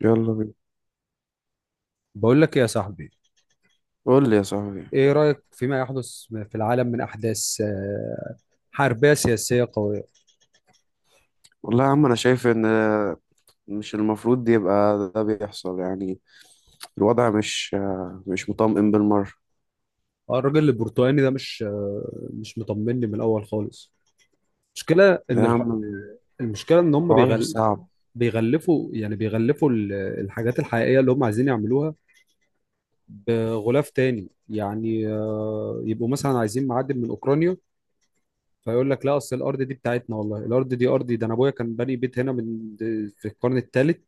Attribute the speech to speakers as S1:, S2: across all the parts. S1: يلا بينا.
S2: بقول لك إيه يا صاحبي؟
S1: قول لي يا صاحبي.
S2: ايه رأيك فيما يحدث في العالم من احداث حربية سياسية قوية؟
S1: والله يا عم، انا شايف ان مش المفروض يبقى ده بيحصل يعني. الوضع مش مطمئن بالمرة.
S2: الراجل البرتقالي ده مش مطمني من الاول خالص. المشكلة ان
S1: يا
S2: الح...
S1: عم،
S2: المشكلة ان هم
S1: حوار
S2: بيغل...
S1: صعب.
S2: بيغلفوا الحاجات الحقيقية اللي هم عايزين يعملوها بغلاف تاني، يعني يبقوا مثلا عايزين معدن من اوكرانيا، فيقول لك لا، اصل الارض دي بتاعتنا، والله الارض دي ارضي، ده انا ابويا كان باني بيت هنا في القرن الثالث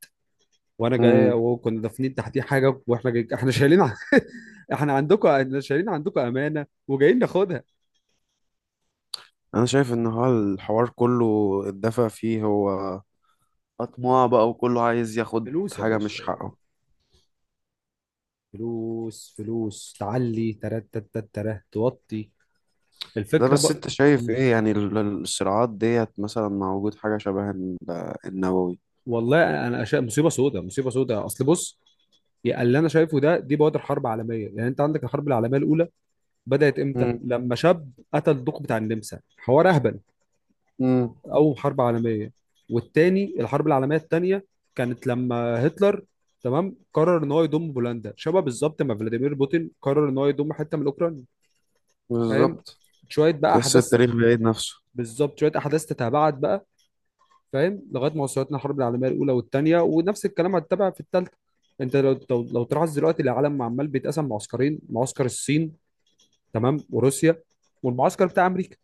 S2: وانا جاي،
S1: امم.
S2: وكنا دافنين تحتيه حاجه واحنا جاي، احنا شايلين احنا شايلين عندكم امانه وجايين ناخدها.
S1: انا شايف ان هو الحوار كله، الدفع فيه هو اطماع بقى، وكله عايز ياخد
S2: فلوس يا
S1: حاجة مش
S2: باشا،
S1: حقه.
S2: فلوس فلوس، تعلي ترات ترات ترات ترات، توطي.
S1: ده
S2: الفكره
S1: بس
S2: بقى.
S1: انت شايف
S2: مم.
S1: ايه يعني الصراعات ديت مثلا مع وجود حاجة شبه النووي؟
S2: والله انا أشياء مصيبه سوداء، مصيبه سوداء، اصل بص، يا اللي انا شايفه دي بوادر حرب عالميه. يعني انت عندك الحرب العالميه الاولى بدات امتى؟
S1: امم.
S2: لما شاب قتل الدوق بتاع النمسا، حوار اهبل،
S1: امم.
S2: او حرب عالميه. والتاني الحرب العالميه التانيه كانت لما هتلر، تمام، قرر ان هو يضم بولندا، شبه بالظبط ما فلاديمير بوتين قرر ان هو يضم حته من اوكرانيا. فاهم؟
S1: بالظبط.
S2: شويه بقى
S1: تحس
S2: احداث.
S1: التاريخ بيعيد نفسه.
S2: بالظبط، شويه احداث تتابعت بقى. فاهم؟ لغايه ما وصلتنا الحرب العالميه الاولى والثانيه، ونفس الكلام هتتابع في الثالثه. انت لو تلاحظ دلوقتي العالم عمال بيتقسم معسكرين: معسكر الصين، تمام، وروسيا، والمعسكر بتاع امريكا،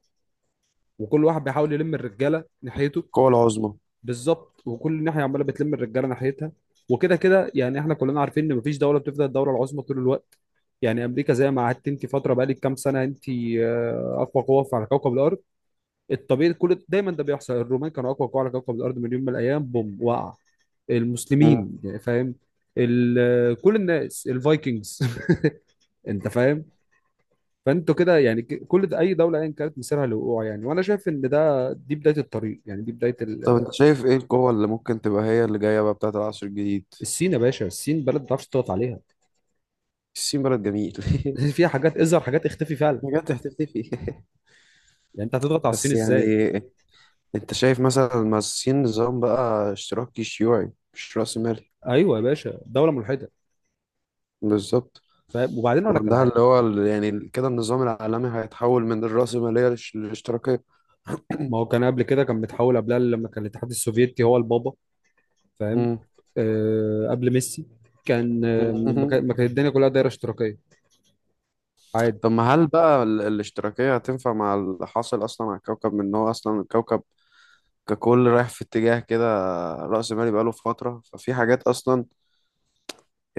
S2: وكل واحد بيحاول يلم الرجاله ناحيته.
S1: القوة العظمى.
S2: بالظبط، وكل ناحيه عماله بتلم الرجاله ناحيتها. وكده كده يعني احنا كلنا عارفين ان مفيش دوله بتفضل الدوله العظمى طول الوقت. يعني امريكا زي ما قعدت انت فتره بقالك كام سنه، انت اقوى قوه على كوكب الارض. الطبيعي كل دايما ده بيحصل، الرومان كانوا اقوى قوه على كوكب الارض من يوم من الايام، بوم وقع المسلمين يعني، فاهم؟ كل الناس، الفايكنجز. انت فاهم؟ فانتوا كده يعني، كل ده اي دوله ايا كانت مسيرها للوقوع يعني، وانا شايف ان ده دي بدايه الطريق، يعني دي بدايه
S1: طب
S2: ال-.
S1: انت شايف ايه القوة اللي ممكن تبقى هي اللي جاية بقى بتاعت العصر الجديد؟
S2: الصين يا باشا، الصين بلد ما تعرفش تضغط عليها،
S1: الصين بلد جميل.
S2: فيها حاجات اظهر حاجات اختفي فعلا.
S1: بجد هتختفي؟
S2: يعني انت هتضغط على الصين
S1: بس
S2: ازاي؟
S1: يعني انت شايف مثلا، ما الصين نظام بقى اشتراكي شيوعي مش رأسمالي.
S2: ايوه يا باشا، دوله ملحده.
S1: بالظبط.
S2: فاهم؟ وبعدين اقول لك على
S1: وعندها
S2: حاجه،
S1: اللي هو يعني كده النظام العالمي هيتحول من الرأسمالية للاشتراكية.
S2: ما هو كان قبل كده كان متحول قبلها لما كان الاتحاد السوفيتي هو البابا. فاهم؟
S1: مم.
S2: آه، قبل ميسي كان، ما كانت الدنيا كلها دايره اشتراكيه عادي.
S1: طب ما هل بقى الاشتراكية هتنفع مع اللي حاصل أصلا على الكوكب، من إن هو أصلا الكوكب ككل رايح في اتجاه كده رأسمالي بقاله فترة. ففي حاجات أصلا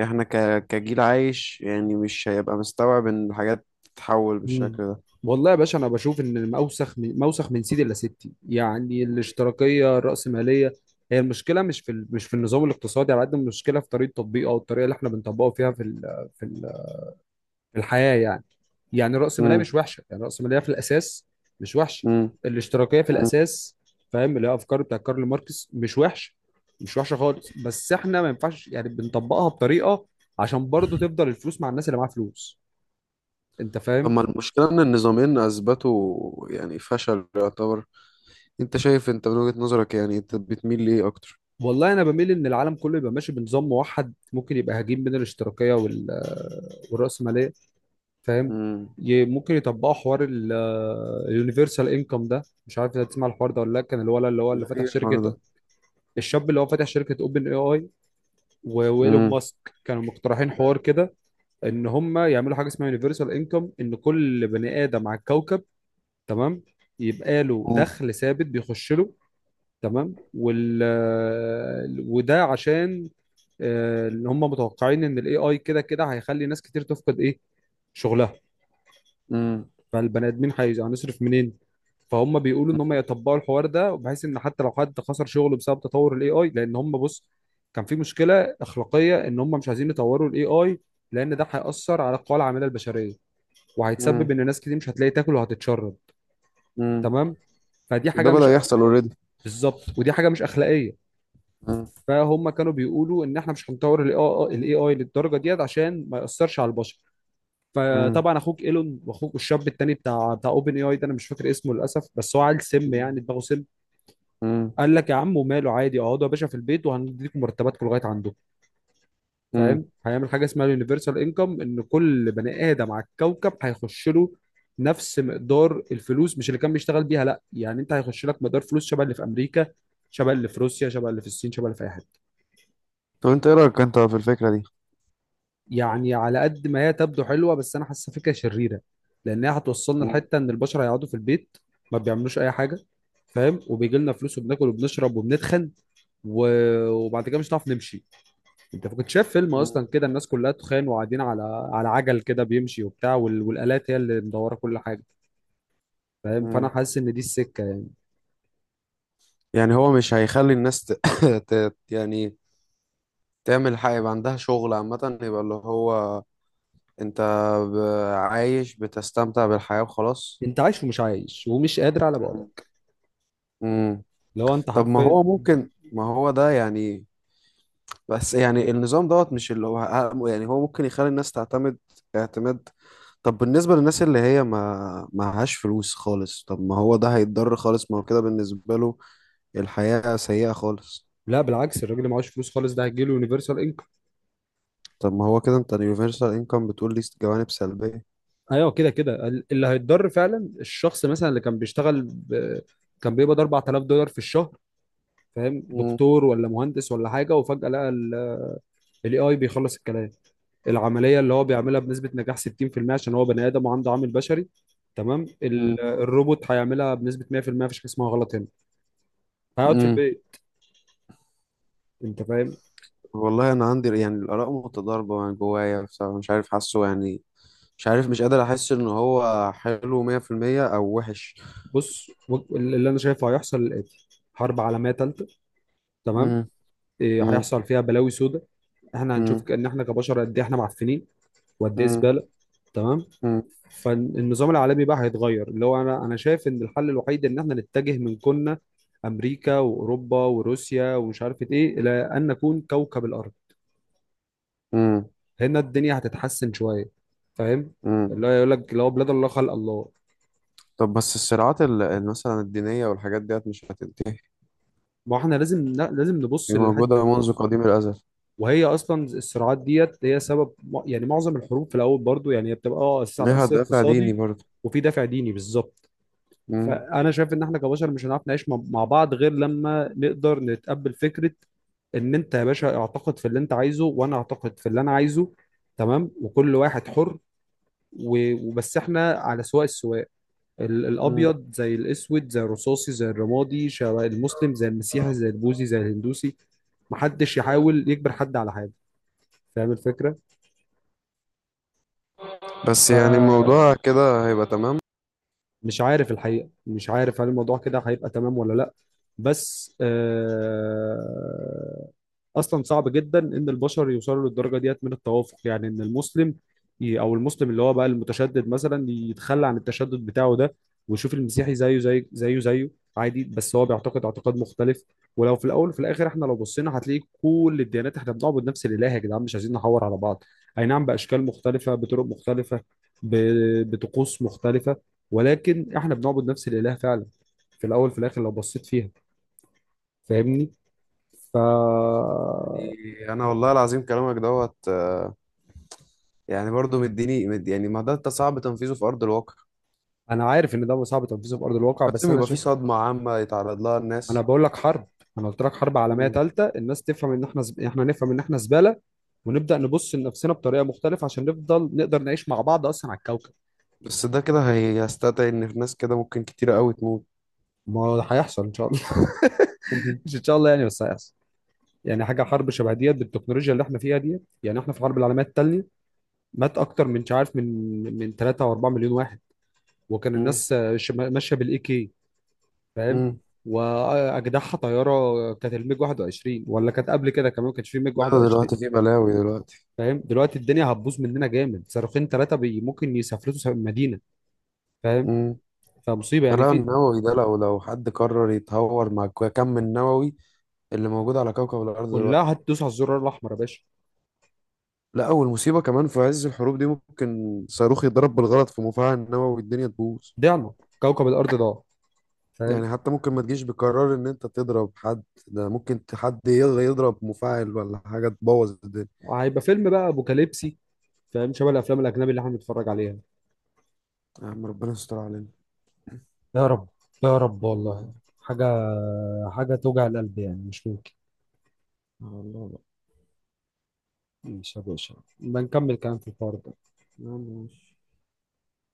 S1: احنا كجيل عايش يعني مش هيبقى مستوعب ان الحاجات تتحول
S2: مم.
S1: بالشكل ده.
S2: والله يا باشا انا بشوف ان، ما اوسخ من، ما اوسخ من سيدي الا ستي، يعني الاشتراكيه الراسماليه. هي المشكله مش في النظام الاقتصادي على قد ما المشكله في طريقه تطبيقه، او الطريقه اللي احنا بنطبقه فيها في الحياه يعني. يعني راس ماليه مش
S1: امم.
S2: وحشه، يعني راس ماليه في الاساس مش وحشه.
S1: امم.
S2: الاشتراكيه في
S1: امم.
S2: الاساس، فاهم، اللي هي افكار بتاع كارل ماركس، مش وحشه، مش وحشه خالص، بس احنا ما ينفعش، يعني بنطبقها بطريقه عشان برضو تفضل الفلوس مع الناس اللي معاها فلوس. انت
S1: طب
S2: فاهم؟
S1: ما المشكلة ان النظامين اثبتوا يعني فشل يعتبر. انت شايف انت من وجهة نظرك يعني انت بتميل ليه اكتر؟
S2: والله انا بميل ان العالم كله يبقى ماشي بنظام موحد، ممكن يبقى هجين بين الاشتراكيه والراسماليه. فاهم؟
S1: امم.
S2: ممكن يطبقوا حوار اليونيفرسال انكم ده. مش عارف انت تسمع الحوار ده ولا لا. كان الولد اللي هو اللي فاتح
S1: ايه الحوار
S2: شركه،
S1: ده؟
S2: الشاب اللي هو فاتح شركه اوبن اي اي، وايلون
S1: امم.
S2: ماسك، كانوا مقترحين حوار كده ان هم يعملوا حاجه اسمها يونيفرسال انكم، ان كل بني ادم على الكوكب، تمام، يبقى له
S1: امم.
S2: دخل ثابت بيخش له. تمام. وده عشان، اللي هم متوقعين ان الاي اي كده كده هيخلي ناس كتير تفقد ايه؟ شغلها.
S1: امم.
S2: فالبني ادمين هنصرف منين؟ فهم بيقولوا ان هم يطبقوا الحوار ده بحيث ان حتى لو حد خسر شغله بسبب تطور الاي اي، لان هم بص، كان في مشكله اخلاقيه ان هم مش عايزين يطوروا الاي اي لان ده هيأثر على القوى العامله البشريه، وهيتسبب
S1: امم.
S2: ان ناس كتير مش هتلاقي تاكل وهتتشرب.
S1: امم.
S2: تمام. فدي
S1: وده
S2: حاجه مش،
S1: بدأ يحصل اوريدي.
S2: بالظبط، ودي حاجه مش اخلاقيه.
S1: امم.
S2: فهم كانوا بيقولوا ان احنا مش هنطور الاي اي للدرجه ديت عشان ما يأثرش على البشر.
S1: امم.
S2: فطبعا اخوك ايلون واخوك الشاب التاني بتاع اوبن اي اي ده، انا مش فاكر اسمه للاسف، بس هو عيل سم، يعني دماغه سم.
S1: امم.
S2: قال لك يا عم وماله عادي، اقعدوا يا باشا في البيت وهنديكم مرتباتكم لغايه عندكم. فاهم؟
S1: امم.
S2: هيعمل حاجه اسمها اليونيفرسال انكم ان كل بني ادم على الكوكب هيخش له نفس مقدار الفلوس، مش اللي كان بيشتغل بيها لا، يعني انت هيخش لك مقدار فلوس شبه اللي في امريكا، شبه اللي في روسيا، شبه اللي في الصين، شبه اللي في اي حته.
S1: طب انت ايه رأيك انت في الفكرة دي؟
S2: يعني على قد ما هي تبدو حلوه، بس انا حاسه فكره شريره، لان هي هتوصلنا لحته ان البشر هيقعدوا في البيت ما بيعملوش اي حاجه. فاهم؟ وبيجي لنا فلوس وبناكل وبنشرب وبنتخن و... وبعد كده مش هنعرف نمشي. انت كنت شايف فيلم
S1: امم.
S2: اصلا كده، الناس كلها تخان وقاعدين على عجل كده بيمشي وبتاع، والالات هي اللي مدوره كل حاجه. فاهم؟ فانا
S1: امم.
S2: حاسس ان دي السكه يعني.
S1: يعني هو مش هيخلي الناس يعني تعمل حاجة يبقى عندها شغل، عامة يبقى اللي هو انت ب... عايش بتستمتع بالحياة وخلاص.
S2: انت عايش ومش عايش ومش قادر على
S1: مم.
S2: بعدك
S1: مم.
S2: لو انت
S1: طب
S2: حرفيا.
S1: ما هو ده يعني. بس يعني النظام دوت مش اللي هو يعني هو ممكن يخلي الناس تعتمد اعتماد. طب بالنسبة للناس اللي هي ما معهاش فلوس خالص، طب ما هو ده هيتضر خالص، ما هو كده بالنسبة له الحياة سيئة خالص.
S2: لا بالعكس، الراجل اللي معهوش فلوس خالص ده هيجيله يونيفرسال.
S1: طب ما هو كده انت، اليونيفرسال انكم بتقول لي جوانب سلبية.
S2: ايوه كده كده، اللي هيتضر فعلا الشخص مثلا اللي كان بيشتغل كان بيقبض 4000 دولار في الشهر. فاهم؟
S1: مم.
S2: دكتور ولا مهندس ولا حاجه، وفجاه لقى الاي اي بيخلص الكلام، العمليه اللي هو بيعملها بنسبه نجاح 60% عشان هو بني ادم وعنده عامل بشري، تمام،
S1: مم.
S2: الروبوت هيعملها بنسبه 100%. مفيش حاجه اسمها غلط هنا. هيقعد في
S1: مم.
S2: البيت. انت فاهم؟
S1: والله انا عندي يعني الاراء متضاربه يعني جوايا بصراحه مش عارف حاسه يعني. مش عارف، مش قادر احس ان هو حلو 100% او وحش.
S2: بص، اللي انا شايفه هيحصل الاتي: حرب عالميه ثالثه، تمام،
S1: مم.
S2: إيه،
S1: مم.
S2: هيحصل فيها بلاوي سوداء. احنا
S1: مم.
S2: هنشوف ان احنا كبشر قد ايه احنا معفنين، وقد ايه
S1: مم.
S2: زباله. تمام.
S1: مم.
S2: فالنظام العالمي بقى هيتغير، اللي هو انا شايف ان الحل الوحيد ان احنا نتجه من كنا امريكا واوروبا وروسيا ومش عارف ايه، الى ان نكون كوكب الارض.
S1: امم.
S2: هنا الدنيا هتتحسن شويه. فاهم؟
S1: امم.
S2: اللي هو يقول لك لو، بلاد الله خلق الله.
S1: طب بس الصراعات مثلا الدينيه والحاجات ديت مش هتنتهي.
S2: ما احنا لازم لازم نبص
S1: هي
S2: للحد،
S1: موجوده منذ قديم الازل.
S2: وهي اصلا الصراعات ديت هي سبب. يعني معظم الحروب في الاول برضو، يعني هي بتبقى اساس، على
S1: ليها
S2: اساس
S1: دافع ديني
S2: اقتصادي،
S1: برضه.
S2: وفي دافع ديني بالظبط.
S1: امم.
S2: فانا شايف ان احنا كبشر مش هنعرف نعيش مع بعض غير لما نقدر نتقبل فكره ان انت يا باشا اعتقد في اللي انت عايزه، وانا اعتقد في اللي انا عايزه. تمام، وكل واحد حر، وبس احنا على سواء السواء،
S1: مم.
S2: الابيض زي الاسود زي الرصاصي زي الرمادي، شبه المسلم زي المسيحي زي البوذي زي الهندوسي، محدش يحاول يجبر حد على حاجه. فاهم الفكره؟
S1: بس يعني الموضوع كده هيبقى تمام؟
S2: مش عارف الحقيقة، مش عارف هل الموضوع كده هيبقى تمام ولا لا. بس آه، أصلا صعب جدا إن البشر يوصلوا للدرجة ديت من التوافق، يعني إن المسلم أو المسلم اللي هو بقى المتشدد مثلا يتخلى عن التشدد بتاعه ده، ويشوف المسيحي زيه زي زيه زيه عادي، بس هو بيعتقد اعتقاد مختلف. ولو في الأول وفي الآخر إحنا لو بصينا هتلاقي كل الديانات إحنا بنعبد نفس الإله. يا جدعان، مش عايزين نحور على بعض. أي نعم، بأشكال مختلفة، بطرق مختلفة، بطقوس مختلفة، ولكن احنا بنعبد نفس الاله فعلا في الاول في الاخر لو بصيت فيها. فاهمني؟ ف،
S1: يعني انا والله العظيم كلامك دوت، يعني برضه مديني مد، يعني ما ده انت صعب تنفيذه في ارض الواقع.
S2: انا عارف ان ده صعب تنفيذه في ارض الواقع، بس
S1: لازم
S2: انا
S1: يبقى في
S2: شايف،
S1: صدمه عامه يتعرض لها
S2: انا
S1: الناس.
S2: بقول لك حرب، انا قلت لك حرب عالميه
S1: مم.
S2: ثالثه الناس تفهم ان احنا، احنا نفهم ان احنا زباله، ونبدا نبص لنفسنا بطريقه مختلفه عشان نفضل نقدر نعيش مع بعض اصلا على الكوكب.
S1: بس ده كده هيستدعي ان في ناس كده ممكن كتيره قوي تموت.
S2: ما هو هيحصل ان شاء الله.
S1: مهم.
S2: مش ان شاء الله يعني، بس هيحصل. يعني حاجه حرب شبه ديت بالتكنولوجيا اللي احنا فيها ديت، يعني احنا في الحرب العالميه الثانيه مات اكتر من، مش عارف من 3 او 4 مليون واحد. وكان
S1: مم. مم.
S2: الناس ماشيه بالاي كي. فاهم؟
S1: امم.
S2: واجدعها طياره كانت الميج 21، ولا كانت قبل كده كمان، ما كانش في ميج
S1: لا، ده
S2: 21.
S1: دلوقتي في بلاوي دلوقتي.
S2: فاهم؟ دلوقتي الدنيا هتبوظ مننا جامد، صاروخين ثلاثه بي ممكن يسافرتوا مدينه. فاهم؟
S1: امم.
S2: فمصيبه، يعني
S1: الغلاء
S2: في،
S1: النووي ده لو حد قرر يتهور مع كم النووي اللي موجود على كوكب الارض دلوقتي.
S2: كلها هتدوس على الزرار الاحمر يا باشا.
S1: لا، والمصيبه كمان في عز الحروب دي ممكن صاروخ يضرب بالغلط في مفاعل نووي الدنيا تبوظ.
S2: ضعنا، كوكب الارض ضاع. فاهم؟
S1: يعني حتى ممكن ما تجيش بقرار ان انت تضرب حد، ده ممكن حد يلا يضرب مفاعل ولا حاجة تبوظ الدنيا.
S2: هيبقى فيلم بقى ابوكاليبسي. فاهم؟ شبه الافلام الاجنبي اللي احنا بنتفرج عليها.
S1: يا عم، ربنا يستر علينا.
S2: يا رب، يا رب والله.
S1: مم.
S2: حاجة، حاجة توجع القلب يعني، مش ممكن.
S1: على الله بقى.
S2: ماشي يا باشا، بنكمل كلام في الحوار ده.
S1: يا عم، ماشي.